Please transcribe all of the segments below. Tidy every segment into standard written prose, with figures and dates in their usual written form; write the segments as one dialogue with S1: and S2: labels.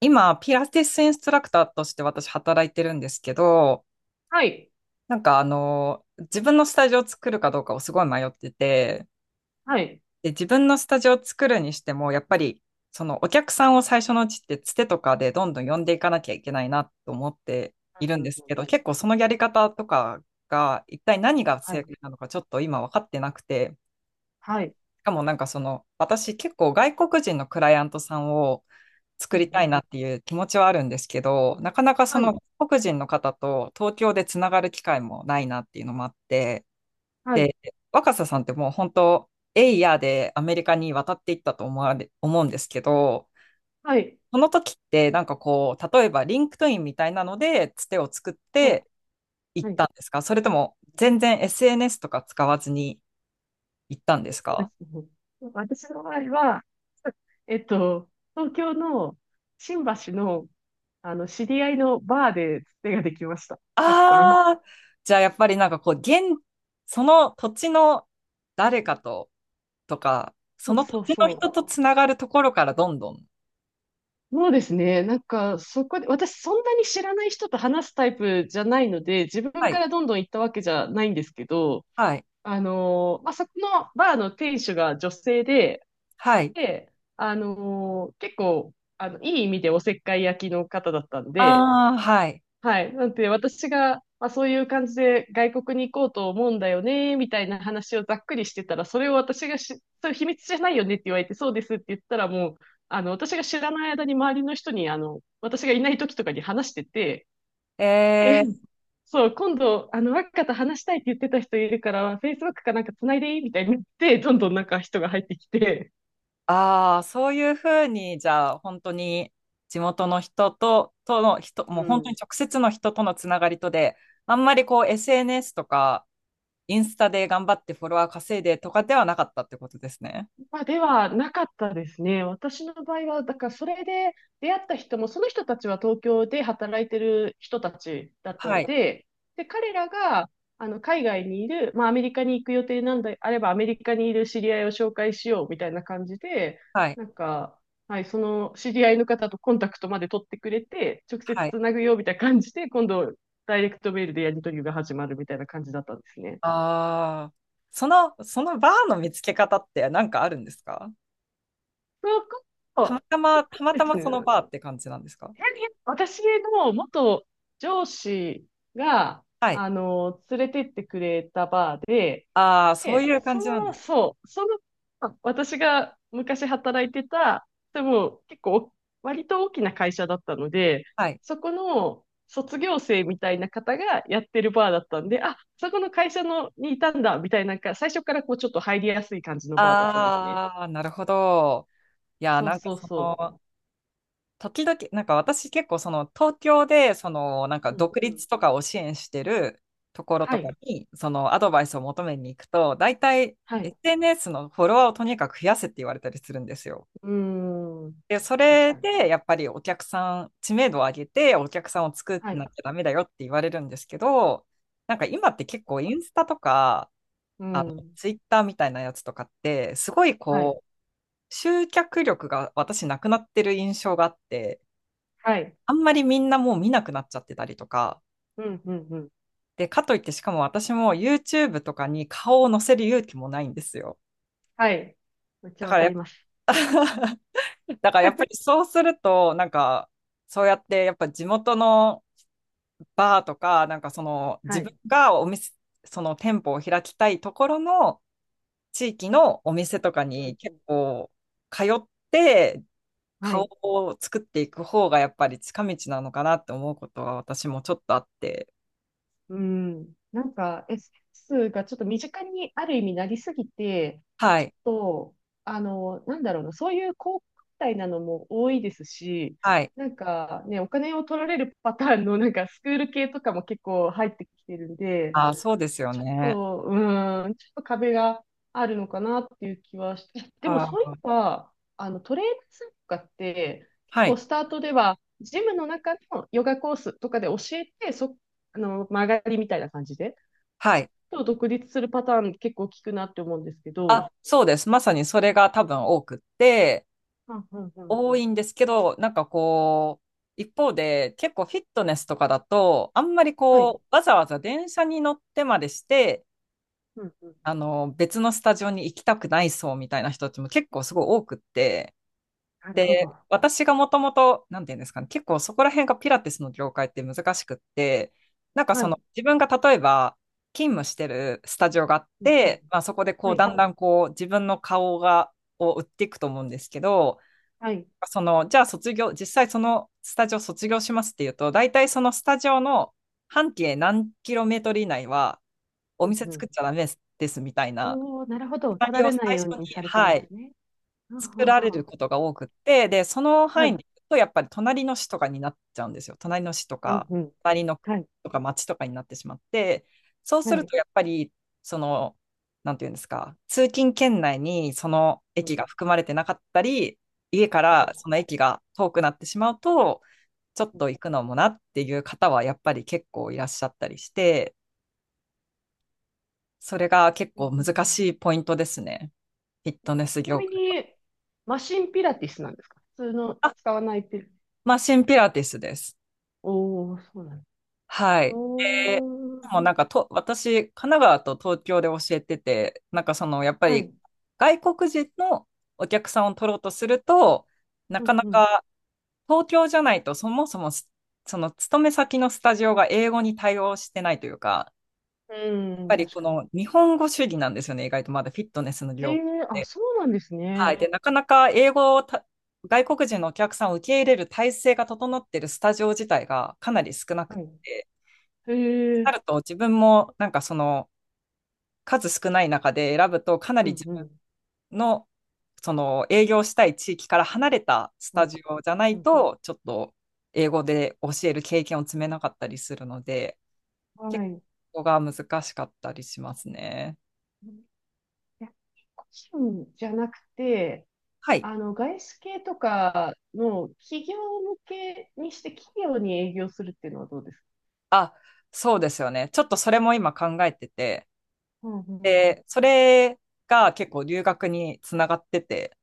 S1: 今、ピラティスインストラクターとして私働いてるんですけど、
S2: はい。
S1: 自分のスタジオを作るかどうかをすごい迷ってて、
S2: はい。
S1: で、自分のスタジオを作るにしても、やっぱり、そのお客さんを最初のうちってつてとかでどんどん呼んでいかなきゃいけないなと思っている
S2: う
S1: ん
S2: んう
S1: で
S2: ん
S1: す
S2: う
S1: け
S2: ん。
S1: ど、結構そのやり方とかが一体何が
S2: は
S1: 正
S2: い。
S1: 解なのかちょっと今分かってなくて、
S2: はい。
S1: しかも私結構外国人のクライアントさんを作
S2: う
S1: り
S2: んう
S1: たい
S2: ん。
S1: なっていう気持ちはあるんですけど、なかなかそ
S2: は
S1: の
S2: い。
S1: 外国人の方と東京でつながる機会もないなっていうのもあって、
S2: はい。
S1: 若狭さんってもう本当、エイヤーでアメリカに渡っていったと思われ、思うんですけど、
S2: はい。
S1: その時って例えばリンクトインみたいなのでつてを作っ
S2: はい。
S1: て行っ
S2: はい。
S1: たんですか？それとも全然 SNS とか使わずに行ったんですか？
S2: 私の場合は、えっと、東京の新橋の、知り合いのバーでつてができました。たくさん。
S1: ああー、じゃあやっぱりその土地の誰かととか、
S2: そ
S1: そ
S2: う
S1: の土
S2: そう
S1: 地の
S2: そう。
S1: 人とつながるところからどんどん。
S2: そうですね。なんか、そこで、私そんなに知らない人と話すタイプじゃないので、自分
S1: は
S2: か
S1: い。
S2: らどんどん行ったわけじゃないんですけど、
S1: はい。
S2: そこのバーの店主が女性で、
S1: はい。
S2: で、結構、いい意味でおせっかい焼きの方だったんで、
S1: ああ、はい。
S2: はい。なんで、私が、まあ、そういう感じで外国に行こうと思うんだよね、みたいな話をざっくりしてたら、それを私がし、それ秘密じゃないよねって言われて、そうですって言ったら、もう、私が知らない間に周りの人に、私がいない時とかに話してて、え、
S1: えー、
S2: そう、今度、若田話したいって言ってた人いるから、Facebook かなんか繋いでいいみたいに言って、どんどんなんか人が入ってきて、
S1: ああ、そういうふうに、じゃあ、本当に地元のとの
S2: う
S1: もう本当に
S2: ん。
S1: 直接の人とのつながりとで、あんまりこう SNS とか、インスタで頑張ってフォロワー稼いでとかではなかったってことですね。
S2: まあ、ではなかったですね。私の場合は、だからそれで出会った人も、その人たちは東京で働いてる人たちだった
S1: は
S2: の
S1: い。
S2: で、で、彼らがあの海外にいる、まあ、アメリカに行く予定なんであれば、アメリカにいる知り合いを紹介しようみたいな感じで、
S1: はい。
S2: なんか、はい、その知り合いの方とコンタクトまで取ってくれて、直接
S1: はい。
S2: つなぐよみたいな感じで、今度、ダイレクトメールでやり取りが始まるみたいな感じだったんですね。
S1: ああ、その、そのバーの見つけ方って何かあるんですか？
S2: そこそこ
S1: たま
S2: で
S1: た
S2: す
S1: まその
S2: ね。
S1: バーって感じなんですか？
S2: 私の元上司が、
S1: はい。
S2: 連れてってくれたバーで、
S1: ああ、そうい
S2: で、
S1: う感じなんです。
S2: あ私が昔働いてた、でも結構、割と大きな会社だったので、
S1: はい。
S2: そこの卒業生みたいな方がやってるバーだったんで、あ、そこの会社のにいたんだ、みたいな、なんか最初からこうちょっと入りやすい感じのバーだったんですね。
S1: ああ、なるほど。いや
S2: そうそうそ
S1: 時々、私結構その、東京で、その、
S2: う。うん
S1: 独
S2: うん。
S1: 立とかを支援してるところ
S2: は
S1: とか
S2: い、
S1: に、その、アドバイスを求めに行くと、大体、
S2: はい。
S1: SNS のフォロワーをとにかく増やせって言われたりするんですよ。
S2: うん。
S1: で、そ
S2: 確
S1: れ
S2: かに。
S1: で、やっぱりお客さん、知名度を上げて、お客さんを作
S2: は
S1: ん
S2: い。
S1: なきゃダメだよって言われるんですけど、なんか今って結構インスタとか、
S2: う
S1: あの、
S2: ん。
S1: ツイッターみたいなやつとかって、すごい
S2: はい。
S1: こう、集客力が私なくなってる印象があって、
S2: はい。
S1: あんまりみんなもう見なくなっちゃってたりとか、
S2: うん、うん、うん。
S1: で、かといってしかも私も YouTube とかに顔を載せる勇気もないんですよ。
S2: はい。めっち
S1: だ
S2: ゃわ
S1: から
S2: か
S1: やっ
S2: ります。
S1: ぱ、だからやっぱりそうすると、そうやってやっぱ地元のバーとか、自
S2: は
S1: 分
S2: い。
S1: がその店舗を開きたいところの地域のお店とか
S2: うん、
S1: に
S2: う
S1: 結
S2: ん。
S1: 構通って
S2: は
S1: 顔
S2: い。
S1: を作っていく方がやっぱり近道なのかなって思うことは私もちょっとあって。
S2: うん。なんか、S がちょっと身近にある意味なりすぎて、
S1: は
S2: ち
S1: い。
S2: ょっと、なんだろうな、そういう高価なのも多いですし、
S1: はい。
S2: なんかね、お金を取られるパターンのなんかスクール系とかも結構入ってきてるんで、
S1: あ、そうですよ
S2: ち
S1: ね。
S2: ょっと、うーん、ちょっと壁があるのかなっていう気はして、でもそう
S1: あ、
S2: いえば、あのトレーナーさんとかって、結
S1: は
S2: 構
S1: い。
S2: スタートでは、ジムの中のヨガコースとかで教えて、曲がりみたいな感じで、
S1: はい。
S2: と独立するパターン結構聞くなって思うんですけど、
S1: あ、そうです。まさにそれが多分多くって、
S2: うんうんうん。
S1: 多いんですけど、一方で結構フィットネスとかだと、あんまり
S2: は
S1: こ
S2: い、
S1: う、わざわざ電車に乗ってまでして、
S2: うんうん。
S1: あの、別のスタジオに行きたくないそうみたいな人たちも結構すごい多くって、
S2: なるほど。
S1: 私がもともと、なんていうんですかね、結構そこら辺がピラティスの業界って難しくって、
S2: はい、
S1: 自分が例えば勤務してるスタジオがあっ
S2: うんうん。
S1: て、まあそこでこ
S2: は
S1: う、だ
S2: い、
S1: んだんこう、自分のを売っていくと思うんですけど、
S2: はい。
S1: その、じゃあ卒業、実際そのスタジオ卒業しますっていうと、大体そのスタジオの半径何キロメートル以内はお
S2: うん
S1: 店
S2: う
S1: 作
S2: ん。
S1: っちゃダメですみたいな、
S2: おおなるほ
S1: シ
S2: ど。
S1: ナ
S2: 取ら
S1: リオを
S2: れない
S1: 最初
S2: ように
S1: に、
S2: されてるん
S1: は
S2: で
S1: い、
S2: すね。は
S1: 作
S2: は
S1: られ
S2: は
S1: る
S2: は
S1: ことが多くって、で、その
S2: は
S1: 範囲
S2: い。
S1: に行くと、やっぱり隣の市とかになっちゃうんですよ。隣の市と
S2: うん
S1: か、
S2: うん。
S1: 隣の区
S2: はい。
S1: とか町とかになってしまって、そう
S2: は
S1: する
S2: い。
S1: と、やっぱり、その、なんていうんですか、通勤圏内にその
S2: うん。
S1: 駅
S2: は
S1: が含まれてなかったり、家からそ
S2: い
S1: の駅が遠くなってしまうと、ちょっ
S2: うん
S1: と行くのもなっていう方は、やっぱり結構いらっしゃったりして、それが結
S2: う
S1: 構
S2: ん
S1: 難しいポイントですね。フィットネス
S2: ちな
S1: 業
S2: み
S1: 界は。
S2: に、マシンピラティスなんですか普通の
S1: あ、
S2: 使わないピラ、
S1: マシンピラティスです。
S2: おー、そうなんです。
S1: はい。で、
S2: おー、
S1: もうなんかと、私、神奈川と東京で教えてて、やっぱ
S2: は
S1: り
S2: い。
S1: 外国人のお客さんを取ろうとすると、な
S2: う
S1: か
S2: ん
S1: な
S2: うん。
S1: か東京じゃないと、そもそもすその勤め先のスタジオが英語に対応してないというか、
S2: う
S1: やっ
S2: ん、
S1: ぱり
S2: 確
S1: こ
S2: かに。
S1: の日本語主義なんですよね、意外とまだフィットネスの
S2: へ
S1: 業界。
S2: え、あ、そうなんです
S1: は
S2: ね。
S1: い。で、なかなか英語をた外国人のお客さんを受け入れる体制が整っているスタジオ自体がかなり少なく
S2: はい。
S1: て、
S2: へ
S1: な
S2: え、
S1: ると自分も数少ない中で選ぶと、かな
S2: う
S1: り
S2: ん
S1: 自
S2: うん、
S1: 分のその営業したい地域から離れたス
S2: う
S1: タ
S2: ん、
S1: ジオじゃな
S2: う
S1: い
S2: ん。
S1: と、ちょっと英語で教える経験を積めなかったりするので、
S2: は
S1: 結
S2: い。い
S1: 構が難しかったりしますね。
S2: や、個人じゃなくて、
S1: はい。
S2: あの、外資系とかの企業向けにして企業に営業するっていうのはどうですか？
S1: あ、そうですよね。ちょっとそれも今考えてて、
S2: うんうん
S1: で、それが結構留学につながってて、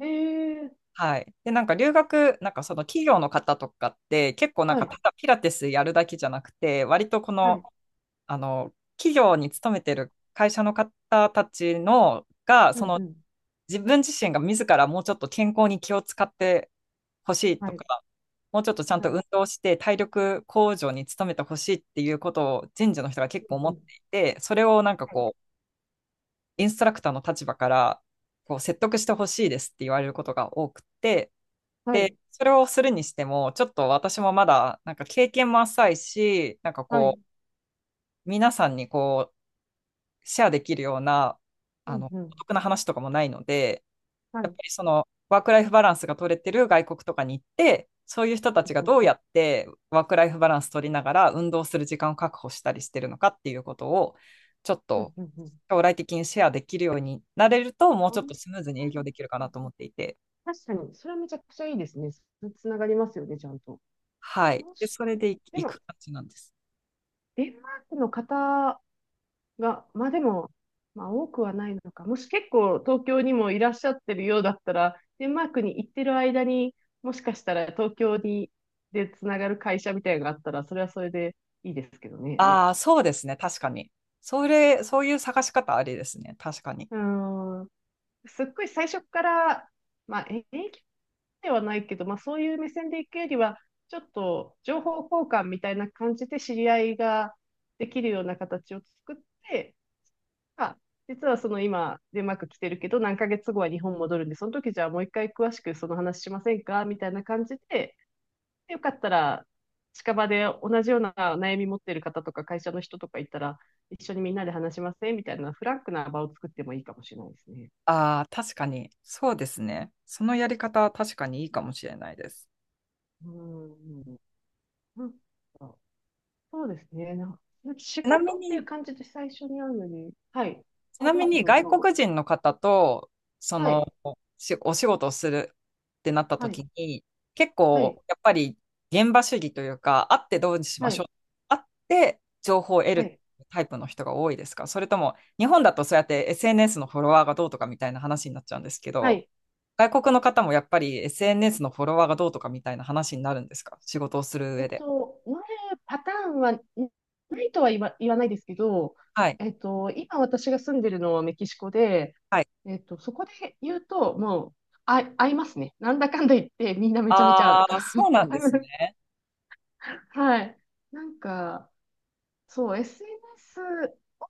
S2: ええ
S1: はい。で、なんか留学、なんかその企業の方とかって、結構なん
S2: は
S1: か
S2: い、
S1: ただピラティスやるだけじゃなくて、割とこ
S2: は
S1: の
S2: い、
S1: あの、企業に勤めてる会社の方たちのが、
S2: う
S1: そ
S2: ん、
S1: の
S2: うん、
S1: 自分自身が自らもうちょっと健康に気を使ってほしい
S2: は
S1: と
S2: い、
S1: か、もうちょっとちゃん
S2: は
S1: と
S2: い、
S1: 運動して体力向上に努めてほしいっていうことを人事の人が結
S2: う
S1: 構思
S2: ん、
S1: っ
S2: うん、
S1: ていて、それを
S2: はい、
S1: インストラクターの立場から説得してほしいですって言われることが多くて、
S2: は
S1: で、
S2: い、
S1: それをするにしても、ちょっと私もまだなんか経験も浅いし、
S2: はい、
S1: 皆さんにシェアできるような、
S2: う
S1: あ
S2: ん、
S1: の、
S2: うん、
S1: お得な話とかもないので、
S2: は
S1: やっ
S2: い、
S1: ぱりその、ワークライフバランスが取れてる外国とかに行って、そういう人
S2: う
S1: たちが
S2: ん、うん、
S1: どうやってワークライフバランス取りながら運動する時間を確保したりしてるのかっていうことを、ちょっ
S2: うん、
S1: と
S2: うん、うん。
S1: 将来的にシェアできるようになれると、もう
S2: あ
S1: ちょっと
S2: ん
S1: スムーズに営業できるか
S2: う
S1: な
S2: ん
S1: と思っていて、
S2: 確かに、それはめちゃくちゃいいですね。つながりますよね、ちゃんと。
S1: はい。
S2: そう
S1: で、
S2: し、
S1: それで
S2: で
S1: 行
S2: も、
S1: く感じなんです。
S2: デンマークの方が、まあでも、まあ多くはないのか。もし結構東京にもいらっしゃってるようだったら、デンマークに行ってる間にもしかしたら東京にでつながる会社みたいなのがあったら、それはそれでいいですけどね。
S1: ああ、そうですね。確かに。そういう探し方ありですね。確かに。
S2: うーん、すっごい最初から、まあ英気ではないけど、まあそういう目線で行くよりは、ちょっと情報交換みたいな感じで知り合いができるような形を作って、あ実はその今、デンマーク来てるけど、何ヶ月後は日本戻るんで、その時じゃあもう一回詳しくその話しませんかみたいな感じで、でよかったら、近場で同じような悩み持ってる方とか会社の人とかいたら、一緒にみんなで話しませんみたいなフランクな場を作ってもいいかもしれないですね。
S1: ああ、確かに。そうですね。そのやり方は確かにいいかもしれないです。
S2: うん。なんかそうですね。なんか仕
S1: ちなみ
S2: 事っていう
S1: に、
S2: 感じで最初に会うのに。はい。
S1: ち
S2: あ、
S1: な
S2: ど
S1: み
S2: うぞ
S1: に
S2: どう
S1: 外
S2: ぞ。
S1: 国人の方と、そ
S2: は
S1: の、
S2: い。
S1: お仕事をするってなった
S2: はい。
S1: 時に、結
S2: はい。
S1: 構、やっぱり現場主義というか、会ってどうし
S2: は
S1: ましょ
S2: い。
S1: う。会って情報を得
S2: はい。は
S1: る
S2: い。
S1: タイプの人が多いですか？それとも、日本だとそうやって SNS のフォロワーがどうとかみたいな話になっちゃうんですけ
S2: は
S1: ど、
S2: い
S1: 外国の方もやっぱり SNS のフォロワーがどうとかみたいな話になるんですか？仕事をする上で。
S2: なるパターンはないとは言わ、言わないですけど、
S1: はい。
S2: 今私が住んでるのはメキシコで、
S1: はい。
S2: そこで言うと、もう、あ、合いますね。なんだかんだ言って、みんなめちゃめちゃ合う。
S1: ああ、そうなんですね。
S2: はい。なんか、そう、SNS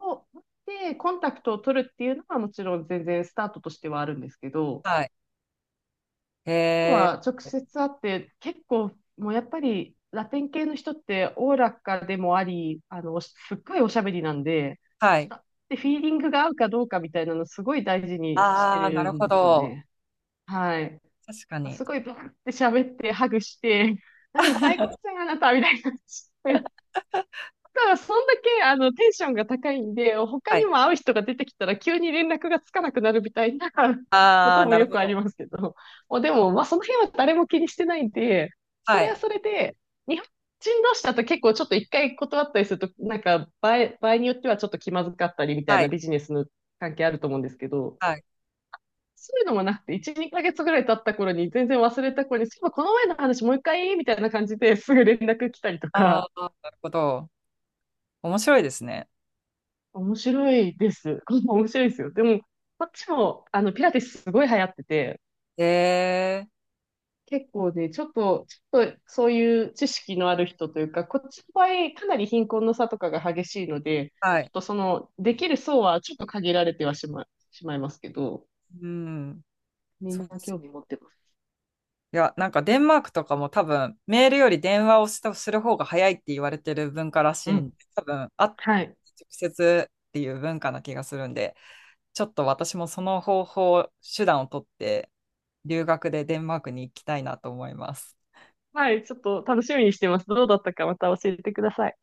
S2: を持ってコンタクトを取るっていうのはもちろん全然スタートとしてはあるんですけど、
S1: はい。へ
S2: とは
S1: え。
S2: 直接会って結構もうやっぱりラテン系の人っておおらかでもあり、すっごいおしゃべりなんで、
S1: はい。
S2: 人ってフィーリングが合うかどうかみたいなのすごい大事にして
S1: ああ、な
S2: る
S1: る
S2: ん
S1: ほ
S2: ですよ
S1: ど。
S2: ね。はい。
S1: 確かに。
S2: すごいバーって喋って、ハグして、何最高じゃん、あなたみたいな。ただからそんだけ、テンションが高いんで、他
S1: は
S2: に
S1: い。
S2: も会う人が出てきたら急に連絡がつかなくなるみたいな こ
S1: あ
S2: と
S1: あ、
S2: も
S1: なる
S2: よ
S1: ほ
S2: くあり
S1: ど。
S2: ますけど。もうでも、まあ、その辺は誰も気にしてないんで、そ
S1: は
S2: れ
S1: い。
S2: はそれで、日本人同士だと結構ちょっと一回断ったりすると、場合によってはちょっと気まずかったりみたい
S1: は
S2: な
S1: い。
S2: ビジネスの関係あると思うんですけど、
S1: はい。
S2: そういうのもなくて、1、2ヶ月ぐらい経った頃に全然忘れた頃に、そういえばこの前の話もう一回みたいな感じですぐ連絡来たりと
S1: あ
S2: か、
S1: あ、なるほど。面白いですね。
S2: 面白いです。面白いですよ。でも、こっちも、ピラティスすごい流行ってて、
S1: へえ。
S2: 結構ね、ちょっと、そういう知識のある人というか、こっちの場合、かなり貧困の差とかが激しいので、
S1: は
S2: ちょっ
S1: い。
S2: とその、できる層はちょっと限られてはしま、しまいますけど、
S1: うん。
S2: み
S1: そう
S2: んな
S1: ですよ。
S2: 興味持ってます。
S1: いや、なんかデンマークとかも多分、メールより電話をする方が早いって言われてる文化らし
S2: う
S1: いんで、
S2: ん。
S1: 多分、あ、直
S2: はい。
S1: 接っていう文化な気がするんで、ちょっと私もその方法、手段を取って、留学でデンマークに行きたいなと思います。
S2: はい、ちょっと楽しみにしてます。どうだったかまた教えてください。